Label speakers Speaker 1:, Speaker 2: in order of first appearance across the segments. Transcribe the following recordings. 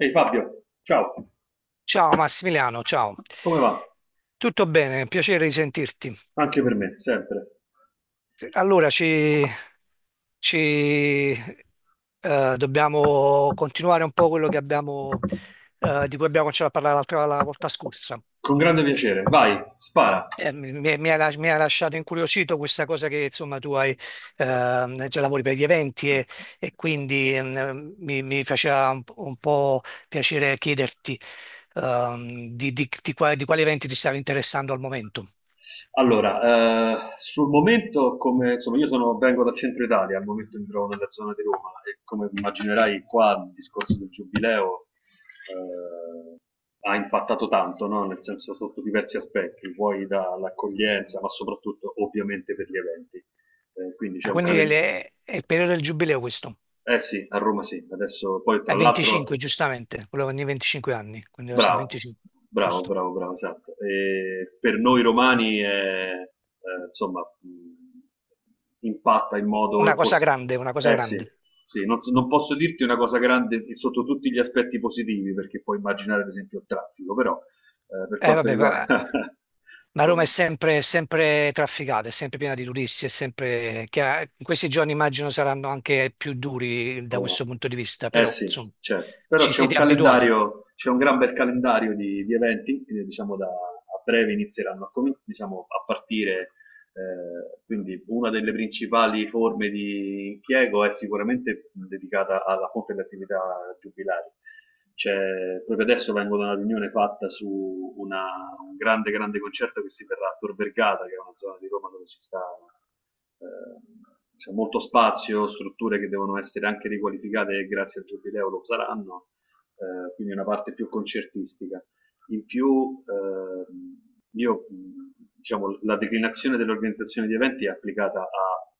Speaker 1: Ehi Fabio, ciao,
Speaker 2: Ciao Massimiliano, ciao.
Speaker 1: come va?
Speaker 2: Tutto bene, piacere di sentirti.
Speaker 1: Anche per me, sempre.
Speaker 2: Allora, ci, dobbiamo continuare un po' quello di cui abbiamo cominciato a parlare l'altra la volta scorsa.
Speaker 1: Con grande piacere, vai, spara.
Speaker 2: Mi ha lasciato incuriosito questa cosa che insomma già lavori per gli eventi e quindi mi faceva un po' piacere chiederti di quali eventi ti stavi interessando al momento.
Speaker 1: Allora, sul momento, come insomma, vengo dal centro Italia, al momento mi trovo nella zona di Roma e come immaginerai qua il discorso del giubileo eh, ha impattato tanto, no? Nel senso sotto diversi aspetti, vuoi dall'accoglienza, ma soprattutto ovviamente per gli eventi. Quindi
Speaker 2: Ah,
Speaker 1: c'è un
Speaker 2: quindi è,
Speaker 1: calendario.
Speaker 2: è il periodo del giubileo questo.
Speaker 1: Eh sì, a Roma sì, adesso poi
Speaker 2: È
Speaker 1: tra
Speaker 2: 25,
Speaker 1: l'altro.
Speaker 2: giustamente, quello ogni 25 anni, quindi deve essere
Speaker 1: Bravo,
Speaker 2: 25,
Speaker 1: bravo,
Speaker 2: giusto.
Speaker 1: bravo, bravo, esatto. E per noi romani è, insomma, impatta in
Speaker 2: Una
Speaker 1: modo...
Speaker 2: cosa grande, una cosa
Speaker 1: eh sì,
Speaker 2: grande.
Speaker 1: sì, non posso dirti una cosa grande sotto tutti gli aspetti positivi, perché puoi immaginare ad esempio il traffico, però per
Speaker 2: Eh,
Speaker 1: quanto
Speaker 2: vabbè, va-
Speaker 1: riguarda...
Speaker 2: ma Roma
Speaker 1: insomma,
Speaker 2: è sempre trafficata, è sempre piena di turisti, è sempre... in questi giorni immagino saranno anche più duri da
Speaker 1: Roma.
Speaker 2: questo punto di vista,
Speaker 1: Eh
Speaker 2: però
Speaker 1: sì,
Speaker 2: insomma,
Speaker 1: certo. Però
Speaker 2: ci
Speaker 1: c'è un
Speaker 2: siete abituati.
Speaker 1: calendario, c'è un gran bel calendario di eventi, diciamo da a breve inizieranno diciamo, a partire. Quindi una delle principali forme di impiego è sicuramente dedicata alla fonte delle attività giubilari. Proprio adesso vengo da una riunione fatta su un grande, grande concerto che si terrà a Tor Vergata, che è una zona di Roma dove ci sta, eh, c'è molto spazio, strutture che devono essere anche riqualificate e grazie al Giubileo lo saranno, quindi una parte più concertistica. In più, io, mh, diciamo, la declinazione dell'organizzazione di eventi è applicata a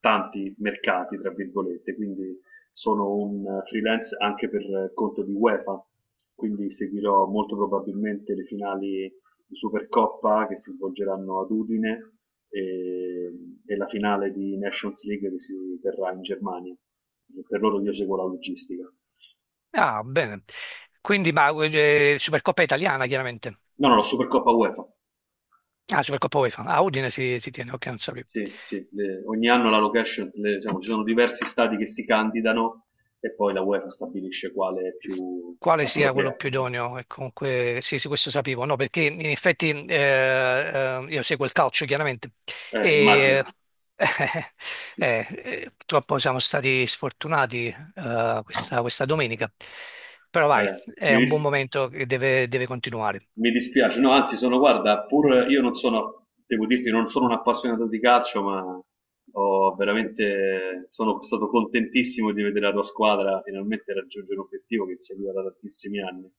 Speaker 1: tanti mercati, tra virgolette, quindi sono un freelance anche per conto di UEFA, quindi seguirò molto probabilmente le finali di Supercoppa che si svolgeranno ad Udine e, e la finale di Nations League che si terrà in Germania. Per loro io seguo la logistica. No,
Speaker 2: Ah, bene. Supercoppa italiana, chiaramente.
Speaker 1: no, la Supercoppa UEFA.
Speaker 2: Ah, Supercoppa UEFA. Ah, Udine si tiene, ok, non sapevo.
Speaker 1: Sì, sì, ogni anno la location, diciamo, ci sono diversi stati che si candidano e poi la UEFA stabilisce quale è
Speaker 2: S-
Speaker 1: più
Speaker 2: Quale sia quello
Speaker 1: appropriato.
Speaker 2: più idoneo? E comunque, sì, sì, questo sapevo, no, perché in effetti io seguo il calcio, chiaramente, e
Speaker 1: Immagino.
Speaker 2: purtroppo siamo stati sfortunati eh, questa domenica, però vai,
Speaker 1: Eh,
Speaker 2: è
Speaker 1: mi,
Speaker 2: un
Speaker 1: dis-
Speaker 2: buon momento che deve continuare.
Speaker 1: Mi dispiace, no, anzi sono, guarda, pur io non sono, devo dirti, non sono un appassionato di calcio, ma ho veramente, sono stato contentissimo di vedere la tua squadra finalmente raggiungere un obiettivo che seguiva da tantissimi anni.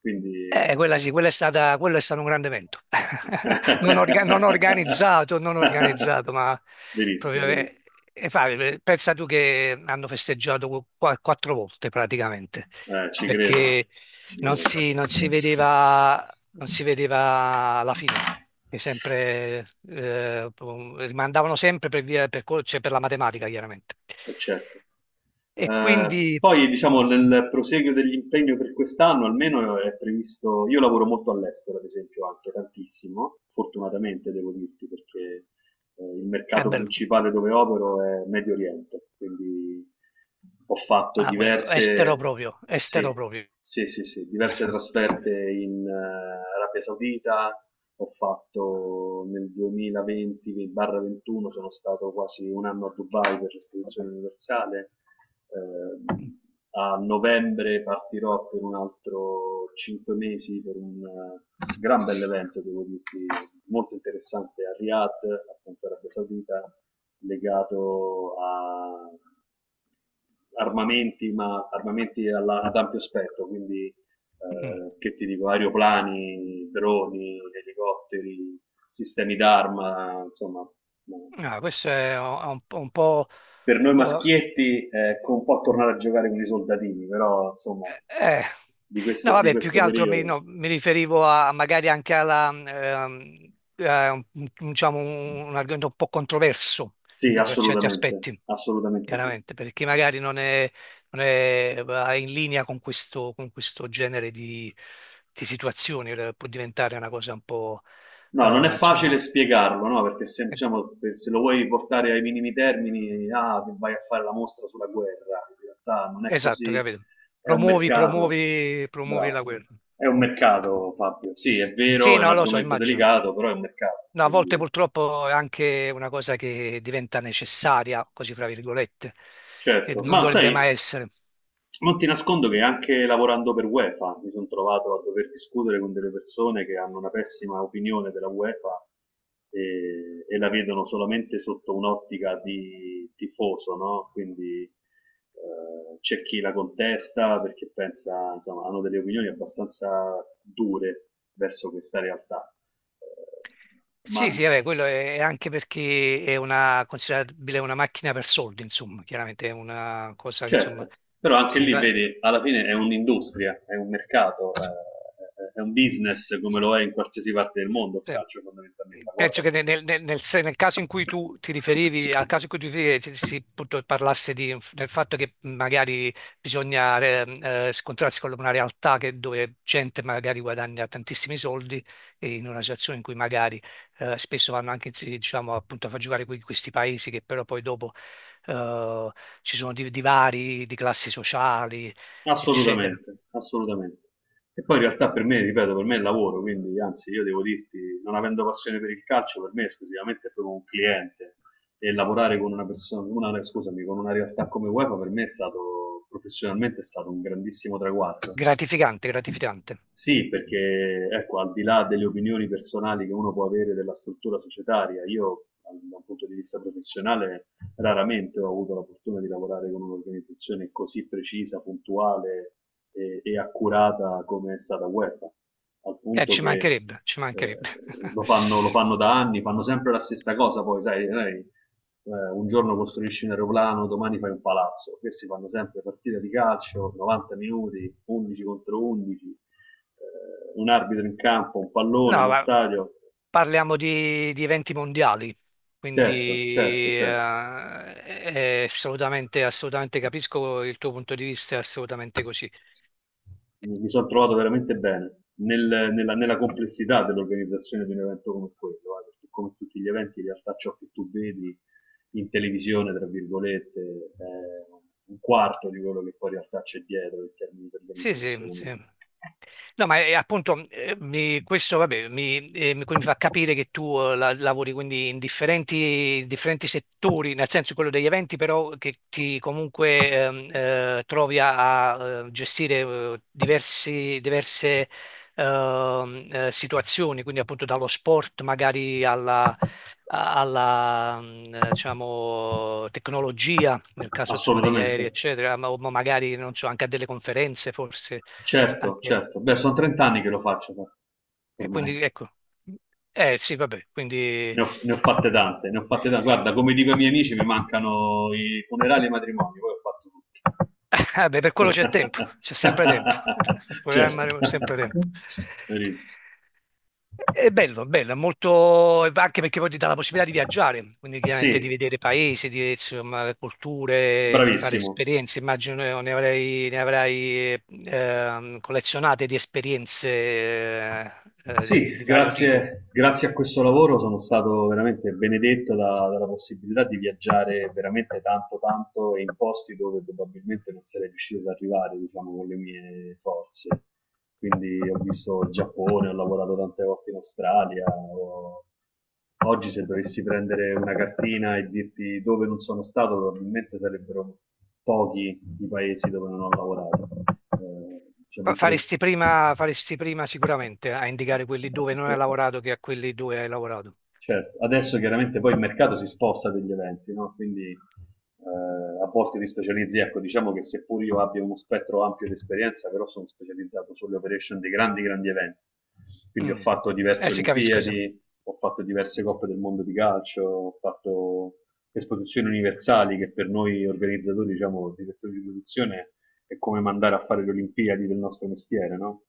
Speaker 1: Quindi.
Speaker 2: Quella sì, quella è stata, quello è stato un grande evento. Non organizzato, ma proprio...
Speaker 1: Verissimo, verissimo.
Speaker 2: e fa, pensa tu che hanno festeggiato quattro volte praticamente,
Speaker 1: Ci credo,
Speaker 2: perché
Speaker 1: ci
Speaker 2: non si
Speaker 1: credo.
Speaker 2: vedeva, non si vedeva la fine. E sempre, rimandavano sempre per via, per, co- cioè per la matematica, chiaramente.
Speaker 1: Certo.
Speaker 2: E quindi
Speaker 1: Poi, diciamo, nel proseguio dell'impegno per quest'anno, almeno è previsto. Io lavoro molto all'estero, ad esempio, anche tantissimo, fortunatamente devo dirti, perché il
Speaker 2: è
Speaker 1: mercato
Speaker 2: bello.
Speaker 1: principale dove opero è Medio Oriente, quindi ho fatto
Speaker 2: Ah, estero
Speaker 1: diverse,
Speaker 2: proprio,
Speaker 1: sì,
Speaker 2: estero proprio.
Speaker 1: sì, sì, sì, diverse trasferte in Arabia Saudita, ho fatto nel 2020-21 sono stato quasi un anno a Dubai per l'esposizione universale. Ehm, A novembre partirò per un altro 5 mesi per un gran bell'evento, devo dirti, molto interessante a Riyadh, appunto Arabia Saudita, legato a armamenti, ma armamenti ad ampio spettro, quindi
Speaker 2: Mm.
Speaker 1: che ti dico, aeroplani, droni, elicotteri, sistemi d'arma, insomma,
Speaker 2: Ah, questo è un po'...
Speaker 1: per noi
Speaker 2: oh,
Speaker 1: maschietti con un po' tornare a giocare con i soldatini, però insomma,
Speaker 2: eh. No,
Speaker 1: di
Speaker 2: vabbè, più che
Speaker 1: questo
Speaker 2: altro mi,
Speaker 1: periodo.
Speaker 2: no, mi riferivo a magari eh, un- diciamo, un argomento un po' controverso,
Speaker 1: Sì,
Speaker 2: per certi
Speaker 1: assolutamente,
Speaker 2: aspetti,
Speaker 1: assolutamente sì.
Speaker 2: chiaramente, perché magari non è, non è va in linea con questo genere di situazioni, può diventare una cosa un po',
Speaker 1: No, non è
Speaker 2: insomma,
Speaker 1: facile spiegarlo, no? Perché se,
Speaker 2: eh,
Speaker 1: diciamo, se lo vuoi portare ai minimi termini, ah, che vai a fare la mostra sulla guerra, in realtà non è
Speaker 2: esatto,
Speaker 1: così,
Speaker 2: capito?
Speaker 1: è un
Speaker 2: Promuovi,
Speaker 1: mercato,
Speaker 2: promuovi, promuovi la
Speaker 1: bravo,
Speaker 2: guerra.
Speaker 1: è un mercato Fabio, sì, è vero,
Speaker 2: Sì,
Speaker 1: è un
Speaker 2: no, lo so,
Speaker 1: argomento
Speaker 2: immagino.
Speaker 1: delicato, però è un mercato,
Speaker 2: No, a volte
Speaker 1: quindi
Speaker 2: purtroppo è anche una cosa che diventa necessaria, così fra virgolette, e
Speaker 1: certo,
Speaker 2: non
Speaker 1: ma
Speaker 2: dovrebbe
Speaker 1: sai,
Speaker 2: mai essere.
Speaker 1: non ti nascondo che anche lavorando per UEFA mi sono trovato a dover discutere con delle persone che hanno una pessima opinione della UEFA e la vedono solamente sotto un'ottica di tifoso, no? Quindi c'è chi la contesta perché pensa, insomma, hanno delle opinioni abbastanza dure verso questa realtà. Eh, ma
Speaker 2: Sì, sì, vabbè, quello è anche perché è una, considerabile una macchina per soldi, insomma, chiaramente è una cosa che insomma
Speaker 1: Certo, però anche
Speaker 2: si
Speaker 1: lì
Speaker 2: va-
Speaker 1: vedi, alla fine è un'industria, è un mercato, è un business come lo è in qualsiasi parte del mondo il
Speaker 2: sì.
Speaker 1: calcio fondamentalmente, ma
Speaker 2: Penso
Speaker 1: guarda,
Speaker 2: che nel, nel- nel- nel se- nel caso in cui tu ti riferivi, al caso in cui tu ti riferivi, si, appunto, del fatto che magari bisogna scontrarsi con una realtà dove gente magari guadagna tantissimi soldi e in una situazione in cui magari spesso vanno anche sì, diciamo, appunto, a far giocare questi paesi che però poi dopo eh, ci sono divari di classi sociali, eccetera.
Speaker 1: assolutamente, assolutamente. E poi in realtà per me, ripeto, per me è lavoro, quindi anzi io devo dirti, non avendo passione per il calcio, per me esclusivamente è proprio un cliente e lavorare con una persona, scusami, con una realtà come UEFA per me è stato, professionalmente è stato un grandissimo traguardo.
Speaker 2: Gratificante, gratificante.
Speaker 1: Sì, perché ecco, al di là delle opinioni personali che uno può avere della struttura societaria, io da un punto di vista professionale raramente ho avuto la fortuna di lavorare con un'organizzazione così precisa, puntuale e accurata come è stata UEFA, al punto
Speaker 2: Ci
Speaker 1: che
Speaker 2: mancherebbe, ci mancherebbe.
Speaker 1: lo fanno da anni, fanno sempre la stessa cosa, poi sai, noi, un giorno costruisci un aeroplano, domani fai un palazzo, questi fanno sempre partite di calcio, 90 minuti, 11 contro 11, un arbitro in campo, un pallone,
Speaker 2: No,
Speaker 1: uno
Speaker 2: ma
Speaker 1: stadio.
Speaker 2: parliamo di eventi mondiali,
Speaker 1: Certo, certo,
Speaker 2: quindi
Speaker 1: certo.
Speaker 2: è assolutamente, assolutamente capisco il tuo punto di vista, è assolutamente così.
Speaker 1: Mi sono trovato veramente bene nella complessità dell'organizzazione di un evento come quello, perché come tutti gli eventi, in realtà ciò che tu vedi in televisione, tra virgolette, è un quarto di quello che poi in realtà c'è dietro in termini di
Speaker 2: Sì, sì, sì.
Speaker 1: organizzazione.
Speaker 2: No, ma appunto, questo vabbè, quindi mi fa capire che tu lavori quindi in differenti, differenti settori, nel senso quello degli eventi, però che ti comunque trovi a, a, gestire diverse situazioni, quindi appunto dallo sport magari alla, alla mm, diciamo, tecnologia, nel caso insomma degli
Speaker 1: Assolutamente.
Speaker 2: aerei, eccetera, ma magari non so, anche a delle conferenze forse.
Speaker 1: Certo, certo. Beh, sono 30 anni che lo faccio, ma
Speaker 2: E
Speaker 1: ormai.
Speaker 2: quindi ecco, eh sì, vabbè, quindi
Speaker 1: Ne ho fatte tante, ne ho fatte tante. Guarda, come dico ai miei amici, mi mancano i funerali e i matrimoni, poi ho fatto
Speaker 2: ah, beh, per quello
Speaker 1: tutto.
Speaker 2: c'è tempo, c'è sempre tempo, per
Speaker 1: Certo,
Speaker 2: programmare c'è sempre tempo.
Speaker 1: benissimo.
Speaker 2: È bello, è bello, è molto, anche perché poi ti dà la possibilità di viaggiare, quindi chiaramente di
Speaker 1: Sì,
Speaker 2: vedere paesi, di, insomma, culture, quindi fare
Speaker 1: bravissimo.
Speaker 2: esperienze, immagino ne avrai collezionate di esperienze
Speaker 1: Sì,
Speaker 2: di vario tipo.
Speaker 1: grazie, grazie a questo lavoro sono stato veramente benedetto dalla possibilità di viaggiare veramente tanto, tanto e in posti dove probabilmente non sarei riuscito ad arrivare, diciamo, con le mie forze. Quindi ho visto il Giappone, ho lavorato tante volte in Australia. Oggi se dovessi prendere una cartina e dirti dove non sono stato, probabilmente sarebbero pochi i paesi dove non ho lavorato. Diciamo, in
Speaker 2: Faresti prima sicuramente a
Speaker 1: sì.
Speaker 2: indicare quelli dove non hai
Speaker 1: Però-
Speaker 2: lavorato che a quelli dove hai lavorato.
Speaker 1: Certo, adesso chiaramente poi il mercato si sposta degli eventi, no? Quindi a volte ti specializzi, ecco, diciamo che seppur io abbia uno spettro ampio di esperienza, però sono specializzato sulle operation dei grandi, grandi eventi. Quindi ho
Speaker 2: Mm.
Speaker 1: fatto
Speaker 2: Eh
Speaker 1: diverse
Speaker 2: sì, capisco, sì.
Speaker 1: Olimpiadi, ho fatto diverse coppe del mondo di calcio, ho fatto esposizioni universali che per noi organizzatori, diciamo, direttori di produzione è come mandare a fare le Olimpiadi del nostro mestiere, no?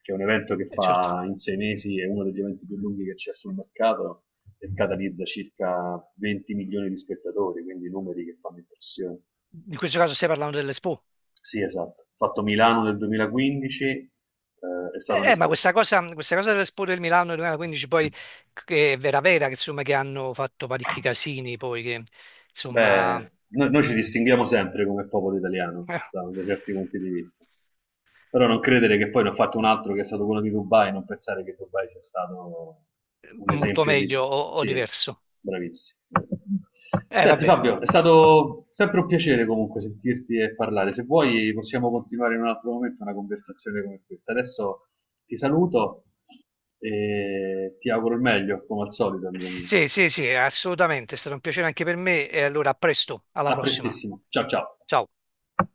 Speaker 1: Che è un evento che
Speaker 2: Certo.
Speaker 1: fa in 6 mesi, è uno degli eventi più lunghi che c'è sul mercato e catalizza circa 20 milioni di spettatori, quindi numeri che fanno impressione.
Speaker 2: In questo caso stai parlando dell'Expo.
Speaker 1: Sì, esatto. Ho fatto Milano nel 2015, è stata
Speaker 2: Ma
Speaker 1: un'esperienza.
Speaker 2: questa cosa dell'Expo del Milano 2015 poi che è vera vera, che insomma che hanno fatto parecchi casini poi che
Speaker 1: Beh,
Speaker 2: insomma
Speaker 1: noi, ci distinguiamo sempre come popolo italiano,
Speaker 2: eh,
Speaker 1: sa, da certi punti di vista. Però non credere che poi ne ho fatto un altro che è stato quello di Dubai, non pensare che Dubai sia stato un
Speaker 2: molto
Speaker 1: esempio di...
Speaker 2: meglio o
Speaker 1: Sì,
Speaker 2: diverso.
Speaker 1: bravissimo.
Speaker 2: Eh
Speaker 1: Senti
Speaker 2: vabbè,
Speaker 1: Fabio, è stato sempre un piacere comunque sentirti e parlare. Se vuoi possiamo continuare in un altro momento una conversazione come questa. Adesso ti saluto e ti auguro il meglio, come al solito, amico mio.
Speaker 2: sì sì sì, assolutamente, è stato un piacere anche per me e allora a presto, alla
Speaker 1: A
Speaker 2: prossima.
Speaker 1: prestissimo. Ciao ciao.
Speaker 2: Ciao.